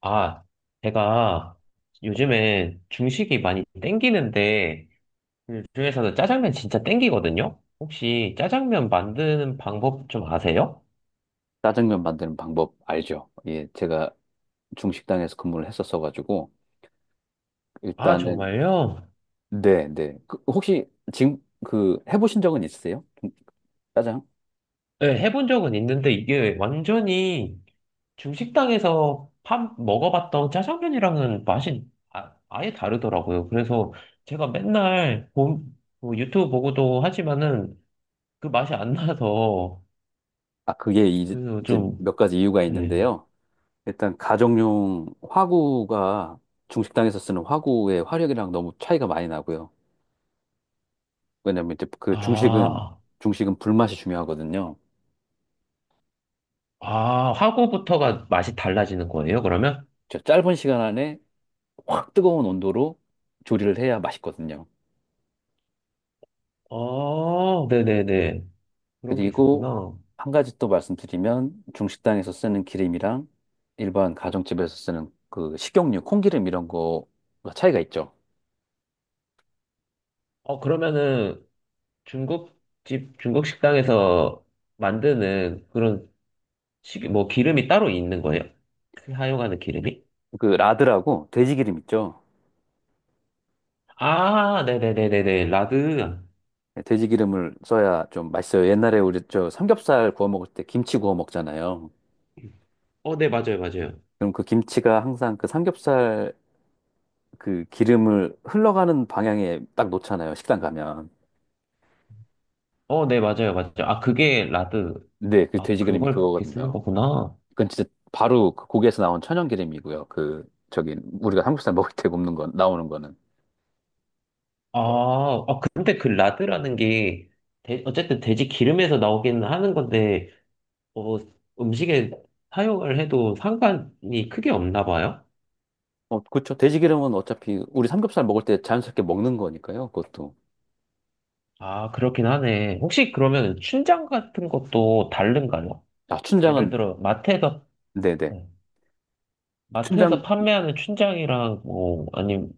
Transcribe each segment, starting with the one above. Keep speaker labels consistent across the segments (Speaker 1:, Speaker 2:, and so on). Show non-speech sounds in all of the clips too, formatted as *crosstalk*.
Speaker 1: 아, 제가 요즘에 중식이 많이 땡기는데, 그 중에서도 짜장면 진짜 땡기거든요? 혹시 짜장면 만드는 방법 좀 아세요?
Speaker 2: 짜장면 만드는 방법 알죠? 예, 제가 중식당에서 근무를 했었어가지고
Speaker 1: 아,
Speaker 2: 일단은.
Speaker 1: 정말요?
Speaker 2: 네, 네. 그, 혹시 지금 그 해보신 적은 있으세요? 짜장?
Speaker 1: 네, 해본 적은 있는데 이게 완전히 중식당에서 밥 먹어봤던 짜장면이랑은 맛이 아예 다르더라고요. 그래서 제가 뭐 유튜브 보고도 하지만은 그 맛이 안 나서,
Speaker 2: 아, 그게 이제,
Speaker 1: 그래서
Speaker 2: 이제
Speaker 1: 좀,
Speaker 2: 몇 가지 이유가
Speaker 1: 네.
Speaker 2: 있는데요. 일단 가정용 화구가 중식당에서 쓰는 화구의 화력이랑 너무 차이가 많이 나고요. 왜냐면 이제 그 중식은
Speaker 1: 아.
Speaker 2: 중식은 불맛이 중요하거든요.
Speaker 1: 아, 하고부터가 맛이 달라지는 거예요, 그러면?
Speaker 2: 저 짧은 시간 안에 확 뜨거운 온도로 조리를 해야 맛있거든요.
Speaker 1: 아, 네네네. 그런 게
Speaker 2: 그리고
Speaker 1: 있었구나.
Speaker 2: 한 가지 또 말씀드리면 중식당에서 쓰는 기름이랑 일반 가정집에서 쓰는 그 식용유, 콩기름 이런 거가 차이가 있죠.
Speaker 1: 어, 그러면은 중국집, 중국 식당에서 만드는 그런 뭐 기름이 따로 있는 거예요? 그 사용하는 기름이?
Speaker 2: 그 라드라고 돼지기름 있죠.
Speaker 1: 아, 네네네네네. 라드.
Speaker 2: 네, 돼지기름을 써야 좀 맛있어요. 옛날에 우리 저 삼겹살 구워 먹을 때 김치 구워 먹잖아요.
Speaker 1: 어, 네, 맞아요, 맞아요.
Speaker 2: 그럼 그 김치가 항상 그 삼겹살 그 기름을 흘러가는 방향에 딱 놓잖아요. 식당 가면.
Speaker 1: 어, 네, 맞아요, 맞아요. 아, 그게 라드.
Speaker 2: 네, 그
Speaker 1: 아,
Speaker 2: 돼지기름이
Speaker 1: 그걸 그렇게 쓰는
Speaker 2: 그거거든요.
Speaker 1: 거구나.
Speaker 2: 그건 진짜 바로 그 고기에서 나온 천연기름이고요. 그 저기 우리가 삼겹살 먹을 때 굽는 건 나오는 거는.
Speaker 1: 아, 아, 근데 그 라드라는 게, 어쨌든 돼지 기름에서 나오긴 하는 건데, 어, 음식에 사용을 해도 상관이 크게 없나 봐요?
Speaker 2: 어, 그렇죠. 돼지기름은 어차피 우리 삼겹살 먹을 때 자연스럽게 먹는 거니까요. 그것도.
Speaker 1: 아, 그렇긴 하네. 혹시 그러면 춘장 같은 것도 다른가요?
Speaker 2: 아,
Speaker 1: 예를
Speaker 2: 춘장은.
Speaker 1: 들어, 마트에서,
Speaker 2: 네네.
Speaker 1: 네.
Speaker 2: 춘장
Speaker 1: 마트에서 판매하는 춘장이랑, 뭐, 아니면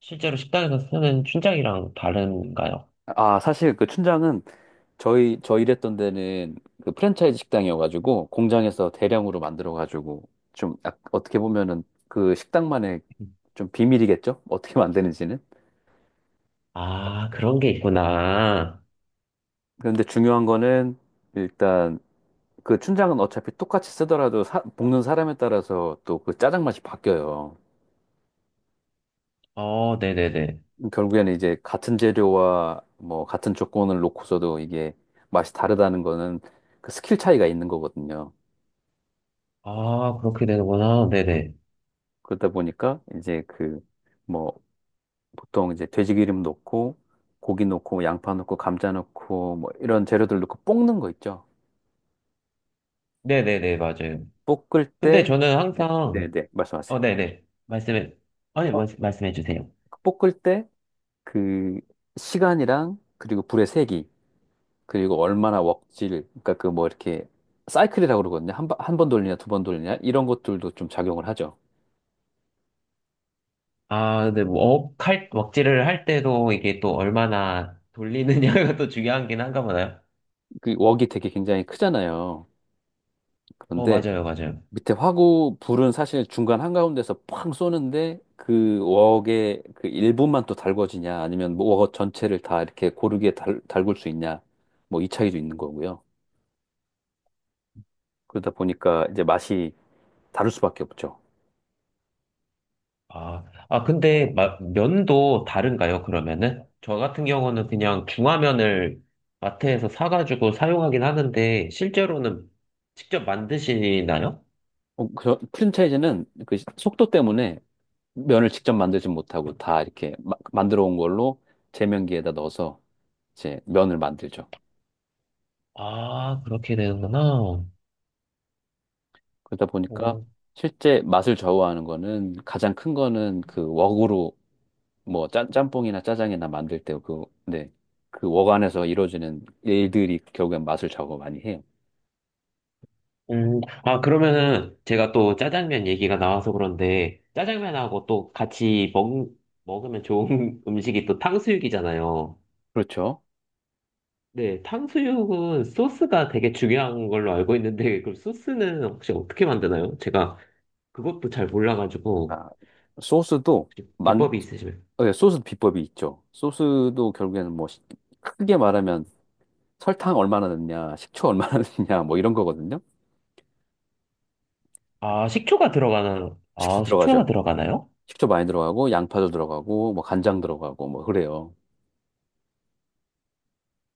Speaker 1: 실제로 식당에서 쓰는 춘장이랑 다른가요?
Speaker 2: 아, 사실 그 춘장은 저희 저 일했던 데는 그 프랜차이즈 식당이어가지고 공장에서 대량으로 만들어가지고 좀 어떻게 보면은 그 식당만의 좀 비밀이겠죠? 어떻게 만드는지는.
Speaker 1: 아, 그런 게 있구나.
Speaker 2: 그런데 중요한 거는 일단 그 춘장은 어차피 똑같이 쓰더라도 볶는 사람에 따라서 또 그 짜장 맛이 바뀌어요.
Speaker 1: 어, 네네네.
Speaker 2: 결국에는 이제 같은 재료와 뭐 같은 조건을 놓고서도 이게 맛이 다르다는 거는 그 스킬 차이가 있는 거거든요.
Speaker 1: 아, 그렇게 되는구나. 네네.
Speaker 2: 그러다 보니까 이제 그, 뭐 보통 이제 돼지기름 넣고 고기 넣고 뭐 양파 넣고 감자 넣고 뭐 이런 재료들 넣고 볶는 거 있죠.
Speaker 1: 네네네, 맞아요.
Speaker 2: 볶을
Speaker 1: 근데
Speaker 2: 때.
Speaker 1: 저는
Speaker 2: 네, 네,
Speaker 1: 항상,
Speaker 2: 네. 말씀하세요.
Speaker 1: 어, 네네. 말씀해, 아니,
Speaker 2: 어,
Speaker 1: 말씀해 주세요.
Speaker 2: 볶을 때 그 시간이랑 그리고 불의 세기 그리고 얼마나 웍질, 그러니까 그 뭐 이렇게 사이클이라고 그러거든요. 한번 돌리냐, 두 번 돌리냐, 이런 것들도 좀 작용을 하죠.
Speaker 1: 아, 근데 뭐, 억할, 먹지를 할 때도 이게 또 얼마나 돌리느냐가 *laughs* 또 중요하긴 한가 보나요?
Speaker 2: 그 웍이 되게 굉장히 크잖아요.
Speaker 1: 어,
Speaker 2: 그런데
Speaker 1: 맞아요, 맞아요.
Speaker 2: 밑에 화구, 불은 사실 중간 한가운데서 팡 쏘는데 그 웍의 그 일부만 또 달궈지냐, 아니면 뭐웍 전체를 다 이렇게 고르게 달굴 수 있냐, 뭐 이 차이도 있는 거고요. 그러다 보니까 이제 맛이 다를 수밖에 없죠.
Speaker 1: 아, 아, 근데 면도 다른가요, 그러면은? 저 같은 경우는 그냥 중화면을 마트에서 사가지고 사용하긴 하는데, 실제로는 직접 만드시나요?
Speaker 2: 그 프랜차이즈는 그 속도 때문에 면을 직접 만들지 못하고 다 이렇게 만들어 온 걸로 제면기에다 넣어서 이제 면을 만들죠.
Speaker 1: 아, 그렇게 되는구나.
Speaker 2: 그러다 보니까
Speaker 1: 오.
Speaker 2: 실제 맛을 좌우하는 거는 가장 큰 거는 그 웍으로 뭐 짬뽕이나 짜장이나 만들 때 그, 네. 그웍 안에서 이루어지는 일들이 결국엔 맛을 좌우 많이 해요.
Speaker 1: 아, 그러면은 제가 또 짜장면 얘기가 나와서 그런데 짜장면하고 또 같이 먹으면 좋은 *laughs* 음식이 또 탕수육이잖아요.
Speaker 2: 그렇죠.
Speaker 1: 네, 탕수육은 소스가 되게 중요한 걸로 알고 있는데 그럼 소스는 혹시 어떻게 만드나요? 제가 그것도 잘 몰라가지고
Speaker 2: 아, 소스도.
Speaker 1: 혹시
Speaker 2: 만,
Speaker 1: 비법이 있으시면.
Speaker 2: 네, 소스 비법이 있죠. 소스도 결국에는 뭐 크게 말하면 설탕 얼마나 넣냐, 식초 얼마나 *laughs* 넣냐, 뭐 이런 거거든요.
Speaker 1: 아, 식초가 들어가는,
Speaker 2: 식초
Speaker 1: 아, 식초가
Speaker 2: 들어가죠.
Speaker 1: 들어가나요?
Speaker 2: 식초 많이 들어가고, 양파도 들어가고, 뭐 간장 들어가고, 뭐 그래요.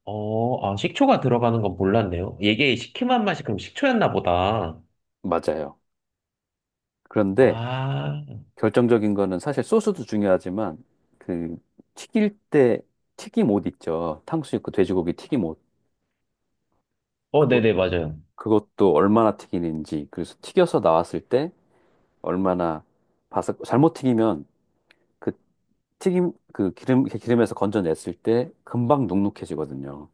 Speaker 1: 어, 아, 식초가 들어가는 건 몰랐네요. 이게 시큼한 맛이 그럼 식초였나 보다.
Speaker 2: 맞아요. 그런데
Speaker 1: 아,
Speaker 2: 결정적인 거는 사실 소스도 중요하지만, 그 튀길 때 튀김옷 있죠. 탕수육 그 돼지고기 튀김옷.
Speaker 1: 어,
Speaker 2: 그거,
Speaker 1: 네네, 맞아요.
Speaker 2: 그것도 얼마나 튀기는지, 그래서 튀겨서 나왔을 때 얼마나 바삭, 잘못 튀기면 그 튀김, 그 기름에서 건져냈을 때 금방 눅눅해지거든요.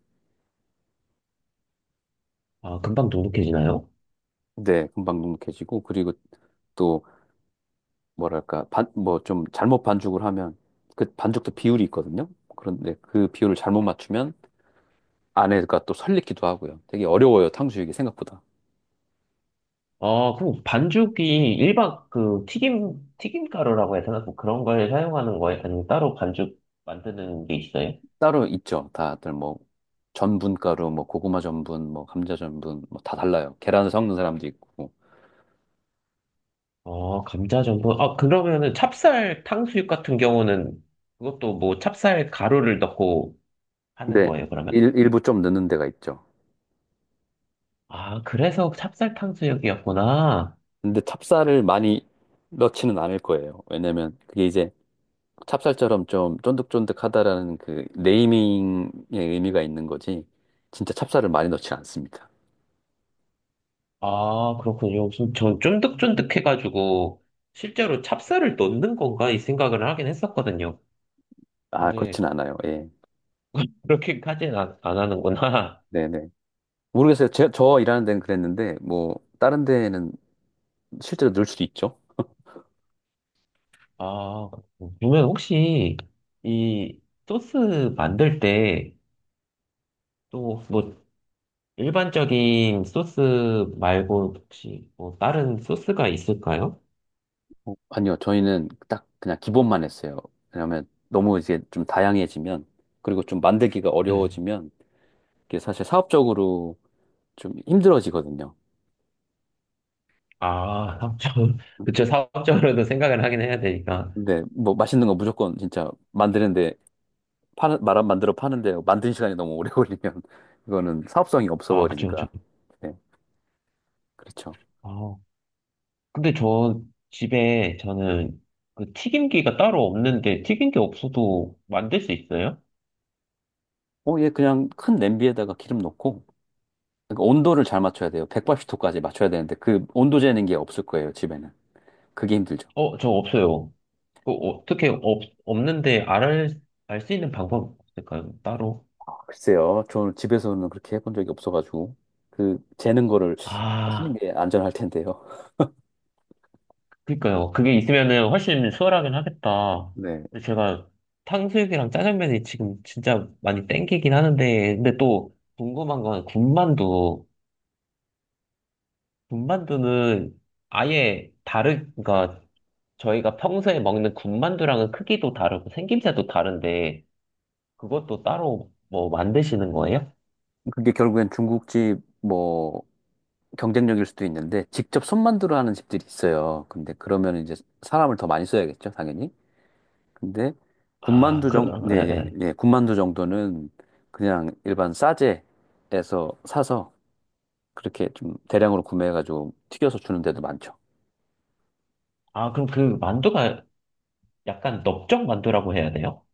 Speaker 1: 아, 금방 돈독해지나요?
Speaker 2: 네, 금방 눅눅해지고 그리고 또 뭐랄까 반 뭐 좀 잘못 반죽을 하면 그 반죽도 비율이 있거든요. 그런데 그 비율을 잘못 맞추면 안에가 또 설리기도 하고요. 되게 어려워요, 탕수육이 생각보다.
Speaker 1: 아, 그럼 반죽이 일반 그 튀김, 튀김가루라고 해야 되나? 뭐 그런 걸 사용하는 거예요? 아니면 따로 반죽 만드는 게 있어요?
Speaker 2: 따로 있죠. 다들 뭐 전분가루, 뭐 고구마 전분, 뭐 감자 전분, 뭐 다 달라요. 계란을 섞는 사람도 있고.
Speaker 1: 아, 감자전분. 아, 그러면은 찹쌀 탕수육 같은 경우는 그것도 뭐 찹쌀 가루를 넣고 하는
Speaker 2: 근데
Speaker 1: 거예요, 그러면?
Speaker 2: 일부 좀 넣는 데가 있죠.
Speaker 1: 아, 그래서 찹쌀 탕수육이었구나.
Speaker 2: 근데 찹쌀을 많이 넣지는 않을 거예요. 왜냐면 그게 이제 찹쌀처럼 좀 쫀득쫀득하다라는 그 네이밍의 의미가 있는 거지 진짜 찹쌀을 많이 넣지 않습니다.
Speaker 1: 아, 그렇군요. 좀, 전 쫀득쫀득해가지고 실제로 찹쌀을 넣는 건가? 이 생각을 하긴 했었거든요.
Speaker 2: 아,
Speaker 1: 근데
Speaker 2: 그렇진 않아요. 예.
Speaker 1: 그렇게까지는 안, 안 하는구나. *laughs*
Speaker 2: 네네. 모르겠어요. 저 일하는 데는 그랬는데 뭐 다른 데는 실제로 넣을 수도 있죠.
Speaker 1: 아, 그러면 혹시 이 소스 만들 때 또 뭐 일반적인 소스 말고 혹시 뭐 다른 소스가 있을까요?
Speaker 2: 아니요. 저희는 딱 그냥 기본만 했어요. 왜냐하면 너무 이제 좀 다양해지면 그리고 좀 만들기가
Speaker 1: 네.
Speaker 2: 어려워지면 이게 사실 사업적으로 좀 힘들어지거든요.
Speaker 1: 아, 사업적으로, *laughs* 그쵸, 사업적으로도 생각을 하긴 해야 되니까.
Speaker 2: 근데 뭐 맛있는 거 무조건 진짜 만드는데 파는, 말안 만들어 파는데 만드는 시간이 너무 오래 *laughs* 걸리면 이거는 사업성이 없어
Speaker 1: 아, 그쵸, 그쵸.
Speaker 2: 버리니까. 네, 그렇죠.
Speaker 1: 아, 근데 저 집에 저는 그 튀김기가 따로 없는데 튀김기 없어도 만들 수 있어요?
Speaker 2: 얘 그냥 큰 냄비에다가 기름 넣고 그러니까 온도를 잘 맞춰야 돼요. 180도까지 맞춰야 되는데 그 온도 재는 게 없을 거예요, 집에는. 그게 힘들죠.
Speaker 1: 어, 저 없어요. 그 어떻게 없, 없는데 알, 알 수 있는 방법 없을까요? 따로?
Speaker 2: 글쎄요. 저는 집에서는 그렇게 해본 적이 없어가지고 그 재는 거를 하시는
Speaker 1: 아,
Speaker 2: 게 안전할 텐데요.
Speaker 1: 그니까요. 그게 있으면은 훨씬 수월하긴 하겠다.
Speaker 2: 네.
Speaker 1: 근데 제가 탕수육이랑 짜장면이 지금 진짜 많이 땡기긴 하는데, 근데 또 궁금한 건 군만두. 군만두는 아예 다르, 그러니까 저희가 평소에 먹는 군만두랑은 크기도 다르고 생김새도 다른데, 그것도 따로 뭐 만드시는 거예요?
Speaker 2: 그게 결국엔 중국집 뭐 경쟁력일 수도 있는데 직접 손 만들어 하는 집들이 있어요. 근데 그러면 이제 사람을 더 많이 써야겠죠, 당연히. 근데
Speaker 1: 아, 그럼,
Speaker 2: 예,
Speaker 1: 예,
Speaker 2: 예,
Speaker 1: 예.
Speaker 2: 예, 군만두 정도는 그냥 일반 싸제에서 사서 그렇게 좀 대량으로 구매해가지고 튀겨서 주는 데도 많죠.
Speaker 1: 아, 그럼 그 만두가 약간 넓적 만두라고 해야 돼요?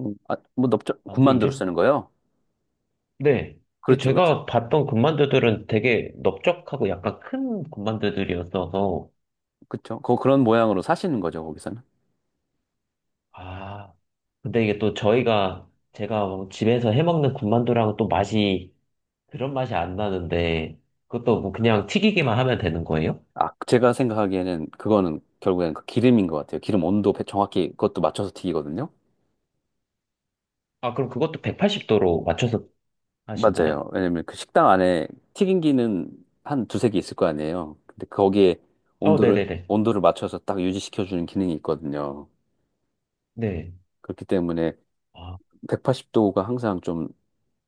Speaker 2: 아, 뭐 넓적
Speaker 1: 만두
Speaker 2: 군만두로
Speaker 1: 이름?
Speaker 2: 쓰는 거요?
Speaker 1: 네. 근데
Speaker 2: 그렇죠, 그렇죠,
Speaker 1: 제가 봤던 군만두들은 되게 넓적하고 약간 큰 군만두들이었어서,
Speaker 2: 그렇죠. 그런 모양으로 사시는 거죠, 거기서는.
Speaker 1: 아, 근데 이게 또 저희가, 제가 집에서 해먹는 군만두랑 또 맛이, 그런 맛이 안 나는데, 그것도 뭐 그냥 튀기기만 하면 되는 거예요?
Speaker 2: 아, 제가 생각하기에는 그거는 결국엔 그 기름인 것 같아요. 기름 온도 정확히 그것도 맞춰서 튀기거든요.
Speaker 1: 아, 그럼 그것도 180도로 맞춰서 하시나요?
Speaker 2: 맞아요. 왜냐면 그 식당 안에 튀김기는 한 두세 개 있을 거 아니에요. 근데 거기에
Speaker 1: 어,
Speaker 2: 온도를,
Speaker 1: 네네네.
Speaker 2: 온도를 맞춰서 딱 유지시켜주는 기능이 있거든요.
Speaker 1: 네.
Speaker 2: 그렇기 때문에
Speaker 1: 아,
Speaker 2: 180도가 항상 좀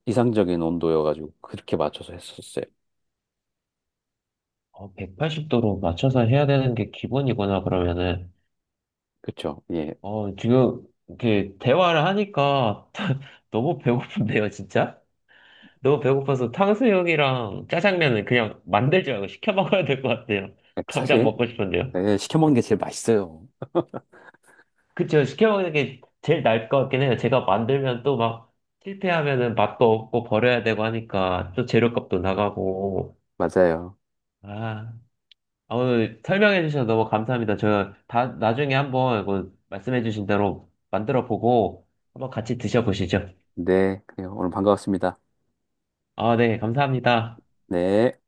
Speaker 2: 이상적인 온도여가지고 그렇게 맞춰서 했었어요.
Speaker 1: 180도로 맞춰서 해야 되는 게 기본이구나, 그러면은.
Speaker 2: 그쵸? 예.
Speaker 1: 어, 지금, 이렇게, 대화를 하니까, *laughs* 너무 배고픈데요, 진짜? 너무 배고파서 탕수육이랑 짜장면을 그냥 만들지 말고 시켜 먹어야 될 것 같아요. 당장
Speaker 2: 사실,
Speaker 1: 먹고 싶은데요.
Speaker 2: 예, 시켜먹는 게 제일 맛있어요.
Speaker 1: 그쵸, 시켜 먹는 게 제일 나을 것 같긴 해요. 제가 만들면 또 막, 실패하면은 맛도 없고 버려야 되고 하니까, 또 재료값도 나가고.
Speaker 2: 맞아요.
Speaker 1: 아, 아, 오늘 설명해 주셔서 너무 감사합니다. 저, 다, 나중에 한번, 이거 말씀해 주신 대로 만들어 보고, 한번 같이 드셔보시죠.
Speaker 2: 네. 그래요. 오늘 반가웠습니다.
Speaker 1: 아, 네, 감사합니다.
Speaker 2: 네.